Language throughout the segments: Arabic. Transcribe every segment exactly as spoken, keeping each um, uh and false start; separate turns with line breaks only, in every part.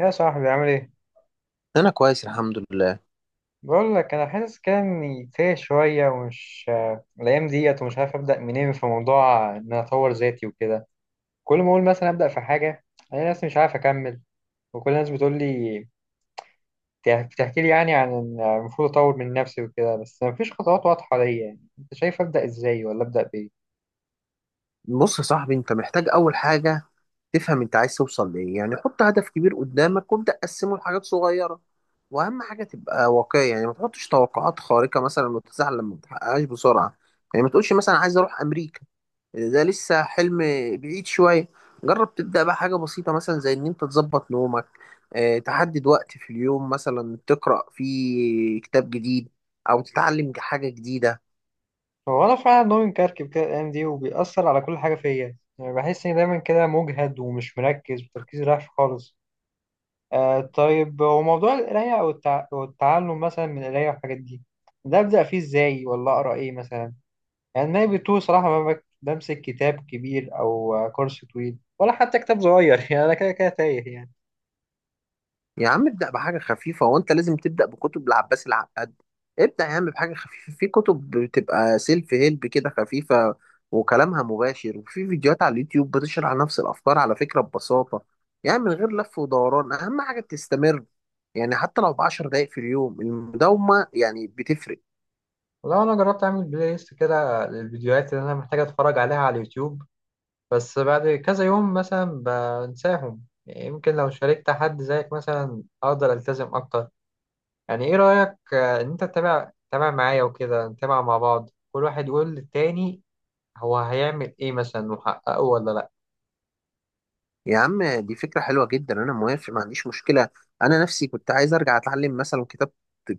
يا صاحبي، عامل ايه؟
انا كويس الحمد لله.
بقول لك انا حاسس كده اني تايه شويه، ومش آه، الايام ديت ومش عارف ابدا منين في موضوع ان انا اطور ذاتي وكده. كل ما اقول مثلا ابدا في حاجه، انا نفسي مش عارف اكمل. وكل الناس بتقول لي بتح- بتحكي لي، يعني عن إن المفروض اطور من نفسي وكده، بس مفيش خطوات واضحه ليا. يعني انت شايف ابدا ازاي، ولا ابدا بايه؟
بص يا صاحبي، انت محتاج اول حاجه تفهم انت عايز توصل لايه، يعني حط هدف كبير قدامك وابدا قسمه لحاجات صغيره. واهم حاجه تبقى واقعي، يعني ما تحطش توقعات خارقه مثلا وتزعل لما ما تحققهاش بسرعه. يعني ما تقولش مثلا عايز اروح امريكا، ده لسه حلم بعيد شويه. جرب تبدا بقى حاجه بسيطه، مثلا زي ان انت تظبط نومك. اه، تحدد وقت في اليوم مثلا تقرا فيه كتاب جديد او تتعلم حاجه جديده.
هو انا فعلا نومي مكركب كده الايام دي، وبيأثر على كل حاجه فيا. يعني بحس اني دايما كده مجهد ومش مركز، وتركيزي رايح خالص. آه طيب، وموضوع القراية أو التع... والتعلم مثلا من القراية والحاجات دي، ده أبدأ فيه إزاي، ولا أقرأ إيه مثلا؟ يعني أنا بتوه صراحة، ما بك- بمسك كتاب كبير أو آه، كورس طويل ولا حتى كتاب صغير يعني أنا كده كده تايه يعني.
يا عم ابدأ بحاجة خفيفة، وانت لازم تبدأ بكتب العباس العقاد. ابدأ يا عم بحاجة خفيفة، في كتب بتبقى سيلف هيلب كده خفيفة وكلامها مباشر، وفي فيديوهات على اليوتيوب بتشرح نفس الأفكار على فكرة ببساطة، يعني من غير لف ودوران. أهم حاجة تستمر، يعني حتى لو بعشر دقايق في اليوم، المداومة يعني بتفرق.
والله أنا جربت أعمل بلاي ليست كده للفيديوهات اللي أنا محتاج أتفرج عليها على اليوتيوب، بس بعد كذا يوم مثلا بنساهم. يعني يمكن لو شاركت حد زيك مثلا أقدر ألتزم أكتر. يعني ايه رأيك آه، ان انت تتابع تتابع معايا وكده، نتابع مع بعض، كل واحد يقول للتاني هو هيعمل ايه مثلا وحققه ولا لا.
يا عم دي فكرة حلوة جدا، أنا موافق، ما عنديش مشكلة. أنا نفسي كنت عايز أرجع أتعلم مثلا كتاب،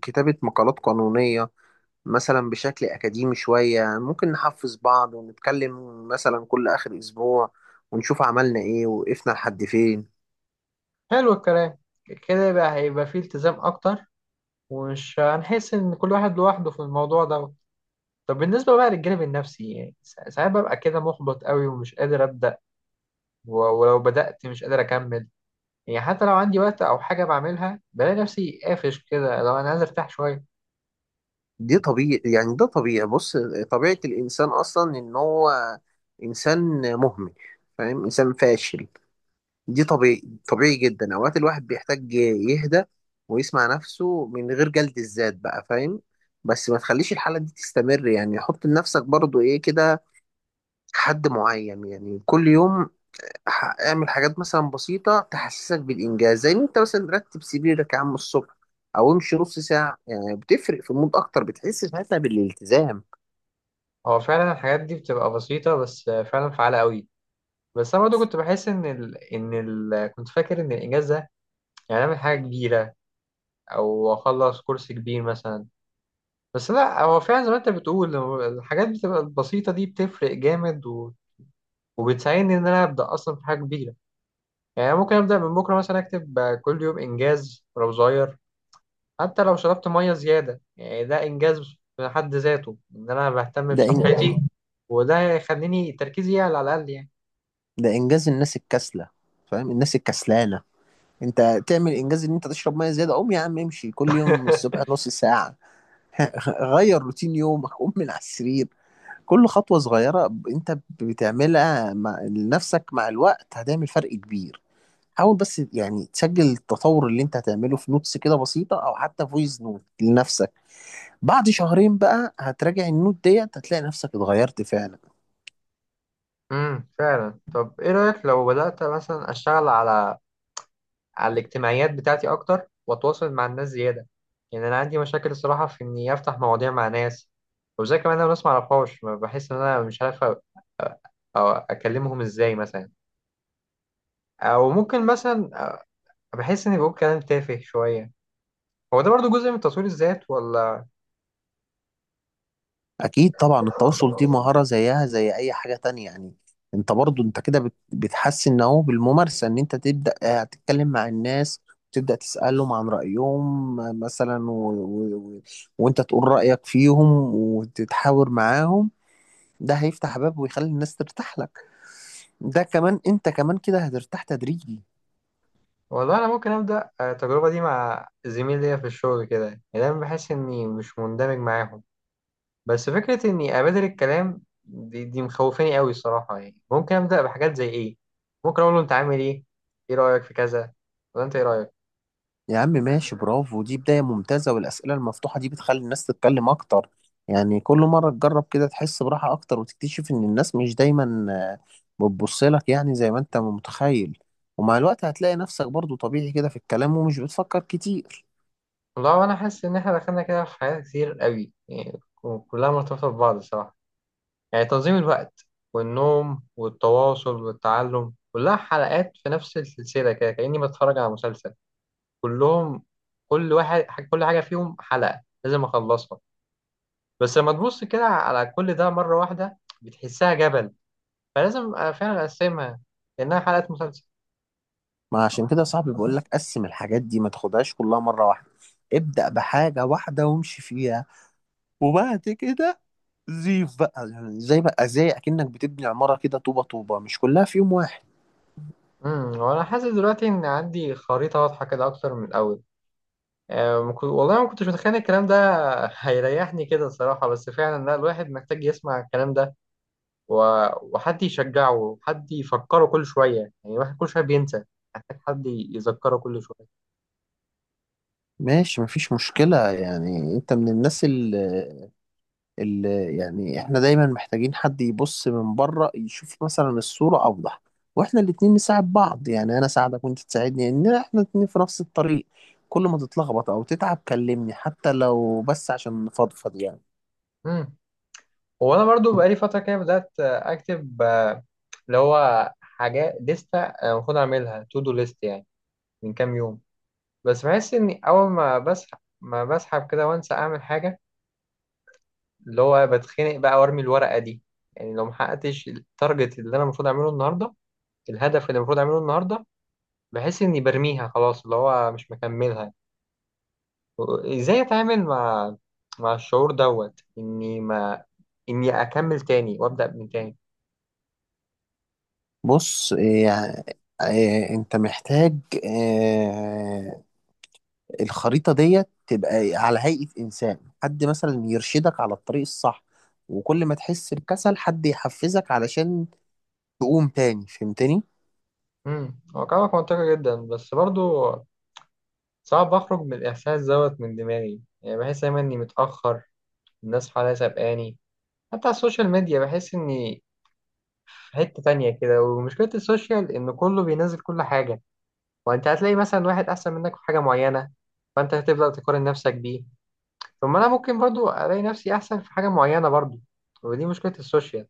كتابة مقالات قانونية مثلا بشكل أكاديمي شوية. ممكن نحفز بعض ونتكلم مثلا كل آخر أسبوع، ونشوف عملنا إيه وقفنا لحد فين.
حلو الكلام. كده بقى هيبقى فيه التزام اكتر، ومش هنحس ان كل واحد لوحده في الموضوع ده. طب بالنسبة بقى للجانب النفسي، يعني سا- ساعات ببقى كده محبط قوي ومش قادر أبدأ. و- ولو بدأت مش قادر أكمل. يعني حتى لو عندي وقت أو حاجة بعملها، بلاقي نفسي قافش كده، لو أنا عايز أرتاح شوية.
دي طبيعي، يعني ده طبيعي. بص، طبيعة الإنسان أصلا إن هو إنسان مهمل، فاهم، إنسان فاشل. دي طبيعي، طبيعي جدا. أوقات الواحد بيحتاج يهدى ويسمع نفسه من غير جلد الذات بقى، فاهم. بس ما تخليش الحالة دي تستمر، يعني حط لنفسك برضو إيه كده، حد معين، يعني كل يوم ح- اعمل حاجات مثلا بسيطة تحسسك بالإنجاز، زي إن أنت مثلا رتب سريرك يا عم الصبح، أو امشي نص ساعة، يعني بتفرق في المود أكتر، بتحس ساعتها بالالتزام.
هو فعلا الحاجات دي بتبقى بسيطة، بس فعلا فعالة قوي. بس انا برضه كنت بحس ان ال... ان ال... كنت فاكر ان الاجازه يعني اعمل حاجه كبيره، او اخلص كورس كبير مثلا. بس لا، هو فعلا زي ما انت بتقول، هو الحاجات بتبقى البسيطه دي بتفرق جامد، و... وبتساعدني ان انا ابدا اصلا في حاجه كبيره. يعني أنا ممكن ابدا من بكره مثلا اكتب كل يوم انجاز ولو صغير. حتى لو شربت ميه زياده يعني، ده انجاز في حد ذاته ان انا بهتم
ده إن...
بصحتي، وده يخليني تركيزي يعلى على الاقل يعني.
ده إنجاز الناس الكسلة، فاهم، الناس الكسلانة. أنت تعمل إنجاز إن أنت تشرب مية زيادة؟ قوم يا عم امشي كل يوم الصبح نص ساعة. غير روتين يومك، قوم من على السرير. كل خطوة صغيرة أنت بتعملها مع لنفسك مع الوقت هتعمل فرق كبير. حاول بس يعني تسجل التطور اللي انت هتعمله في نوتس كده بسيطة او حتى فويس نوت لنفسك. بعد شهرين بقى هتراجع النوت ديت، هتلاقي نفسك اتغيرت فعلا.
امم فعلا. طب ايه رأيك لو بدأت مثلا اشتغل على على الاجتماعيات بتاعتي اكتر، واتواصل مع الناس زيادة؟ يعني انا عندي مشاكل الصراحة في اني افتح مواضيع مع ناس، وزي كمان انا ناس معرفهاش، ما بحس ان انا مش عارف أ- أ- أو اكلمهم ازاي مثلا، او ممكن مثلا أ- بحس اني بقول كلام تافه شوية. هو ده برضو جزء من تطوير الذات ولا؟
اكيد طبعا، التواصل دي مهارة زيها زي اي حاجة تانية يعني. انت برضو انت كده بت- بتحسن اهو بالممارسة، ان انت تبدأ آه، تتكلم مع الناس، تبدأ تسألهم عن رأيهم آه، مثلا، و... و... و... وانت تقول رأيك فيهم وتتحاور معاهم. ده هيفتح باب ويخلي الناس ترتاح لك، ده كمان انت كمان كده هترتاح تدريجي.
والله انا ممكن ابدأ التجربة دي مع زميل ليا في الشغل، كده يعني دايما بحس اني مش مندمج معاهم. بس فكرة إني أبادر الكلام دي, دي مخوفاني قوي الصراحة. يعني ممكن أبدأ بحاجات زي إيه؟ ممكن أقول له أنت عامل إيه؟ إيه رأيك في كذا؟ ولا أنت إيه رأيك؟
يا عم ماشي، برافو، دي بداية ممتازة، والأسئلة المفتوحة دي بتخلي الناس تتكلم أكتر. يعني كل مرة تجرب كده تحس براحة أكتر، وتكتشف إن الناس مش دايما آه، بتبص لك يعني زي ما أنت متخيل. ومع الوقت هتلاقي نفسك برضو طبيعي كده في الكلام ومش بتفكر كتير.
والله أنا حاسس إن إحنا دخلنا كده في حاجات كتير قوي، يعني كلها مرتبطة ببعض الصراحة. يعني تنظيم الوقت والنوم والتواصل والتعلم، كلها حلقات في نفس السلسلة، كده كأني بتفرج على مسلسل. كلهم، كل واحد، كل حاجة فيهم حلقة لازم أخلصها. بس لما تبص كده على كل ده مرة واحدة، بتحسها جبل، فلازم أبقى فعلا أقسمها، لأنها حلقات مسلسل.
ما عشان كده صاحبي بقول لك قسم الحاجات دي، ما تاخدهاش كلها مرة واحدة. ابدأ بحاجة واحدة وامشي فيها وبعد كده، زيف بقى يعني زي بقى زي اكنك بتبني عمارة كده طوبة طوبة، مش كلها في يوم واحد.
امم وأنا حاسس دلوقتي إن عندي خريطة واضحة كده أكتر من الأول. أه ما كنت- والله ما كنتش متخيل الكلام ده هيريحني كده الصراحة. بس فعلا لا، الواحد محتاج يسمع الكلام ده، و... وحد يشجعه وحد يفكره كل شوية. يعني الواحد كل شوية بينسى، محتاج حد يذكره كل شوية.
ماشي، مفيش مشكلة. يعني انت من الناس اللي, اللي يعني احنا دايما محتاجين حد يبص من بره يشوف مثلا الصورة اوضح. واحنا الاتنين نساعد بعض، يعني انا اساعدك وانت تساعدني، ان احنا الاتنين في نفس الطريق. كل ما تتلخبط او تتعب كلمني، حتى لو بس عشان نفضفض يعني.
امم وأنا برضو بقالي فترة كده بدأت آه، أكتب آه، اللي هو حاجات لستة آه، المفروض أعملها تو دو ليست يعني، من كام يوم. بس بحس اني اول ما بسحب ما بسحب كده وانسى اعمل حاجه، اللي هو بتخنق بقى وارمي الورقه دي. يعني لو ما حققتش التارجت اللي انا المفروض اعمله النهارده، الهدف اللي المفروض اعمله النهارده، بحس اني برميها خلاص، اللي هو مش مكملها. ازاي اتعامل مع مع الشعور دوت، اني ما اني اكمل تاني وابدا من تاني؟
بص يعني، إيه، انت محتاج إيه، الخريطة ديت تبقى على هيئة إنسان، حد مثلا يرشدك على الطريق الصح، وكل ما تحس بكسل حد يحفزك علشان تقوم تاني، فهمتني؟
امم هو كلامك منطقي جدا، بس برضو صعب اخرج من الاحساس دوت من دماغي. يعني بحس دايما اني متاخر، الناس حواليا سابقاني، حتى على السوشيال ميديا بحس إني في حتة تانية كده. ومشكلة السوشيال إن كله بينزل كل حاجة، وأنت هتلاقي مثلا واحد أحسن منك في حاجة معينة، فأنت هتبدأ تقارن نفسك بيه. طب ما أنا ممكن برضو ألاقي نفسي أحسن في حاجة معينة برضو، ودي مشكلة السوشيال.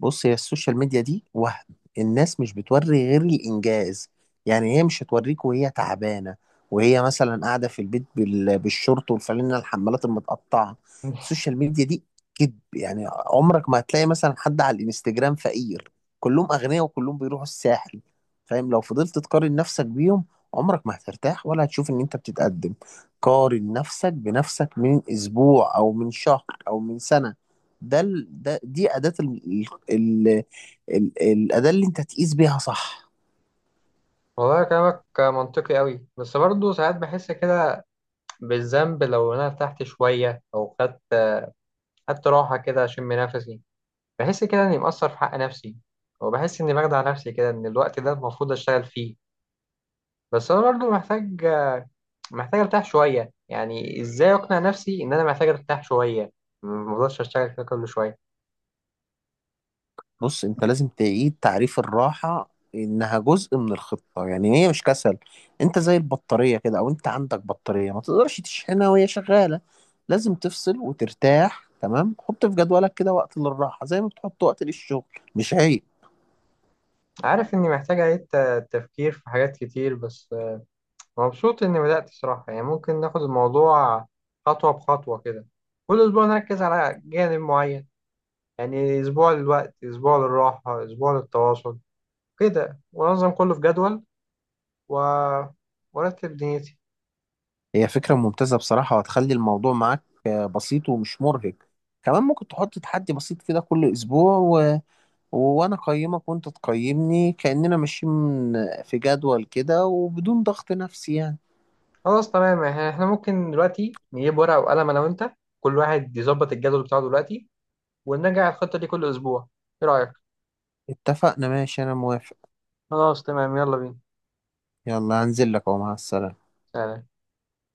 بص هي السوشيال ميديا دي وهم. الناس مش بتوري غير الإنجاز، يعني هي مش هتوريك وهي تعبانة، وهي مثلا قاعدة في البيت بال- بالشورت والفانلة الحمالات المتقطعة. السوشيال ميديا دي كذب، يعني عمرك ما هتلاقي مثلا حد على الانستجرام فقير، كلهم أغنياء وكلهم بيروحوا الساحل. فاهم، لو فضلت تقارن نفسك بيهم عمرك ما هترتاح ولا هتشوف إن أنت بتتقدم. قارن نفسك بنفسك من أسبوع أو من شهر أو من سنة. ده ال... ده دي أداة ال... ال... ال... الأداة اللي أنت تقيس بيها صح.
والله كلامك منطقي قوي، بس برضه ساعات بحس كده بالذنب لو انا ارتحت شويه، او خدت خدت راحه كده اشم نفسي. بحس كده اني مقصر في حق نفسي، وبحس اني بخدع نفسي كده ان الوقت ده المفروض اشتغل فيه. بس انا برضه محتاج محتاج ارتاح شويه. يعني ازاي اقنع نفسي ان انا محتاج ارتاح شويه، ما اقدرش اشتغل كده كل شويه؟
بص أنت لازم تعيد تعريف الراحة، إنها جزء من الخطة، يعني هي مش كسل. أنت زي البطارية كده، أو أنت عندك بطارية ما تقدرش تشحنها وهي شغالة، لازم تفصل وترتاح. تمام، حط في جدولك كده وقت للراحة زي ما بتحط وقت للشغل، مش عيب.
عارف اني محتاج اعيد ت- تفكير في حاجات كتير، بس مبسوط اني بدات صراحه. يعني ممكن ناخد الموضوع خطوه بخطوه كده، كل اسبوع نركز على جانب معين. يعني اسبوع للوقت، اسبوع للراحه، اسبوع للتواصل كده، وانظم كله في جدول، و... وارتب دنيتي.
هي فكرة ممتازة بصراحة، وهتخلي الموضوع معاك آه، بسيط ومش مرهق. كمان ممكن تحط تحدي بسيط كده كل أسبوع، وانا اقيمك وانت تقيمني، كأننا ماشيين في جدول كده وبدون ضغط نفسي يعني.
خلاص تمام، يعني احنا ممكن دلوقتي نجيب ورقه وقلم، انا وانت، كل واحد يظبط الجدول بتاعه دلوقتي، ونراجع الخطة دي كل أسبوع. إيه رأيك؟
اتفقنا، ماشي، انا موافق.
خلاص تمام، يلا بينا.
يلا هنزل لك، اهو مع السلامة.
سلام.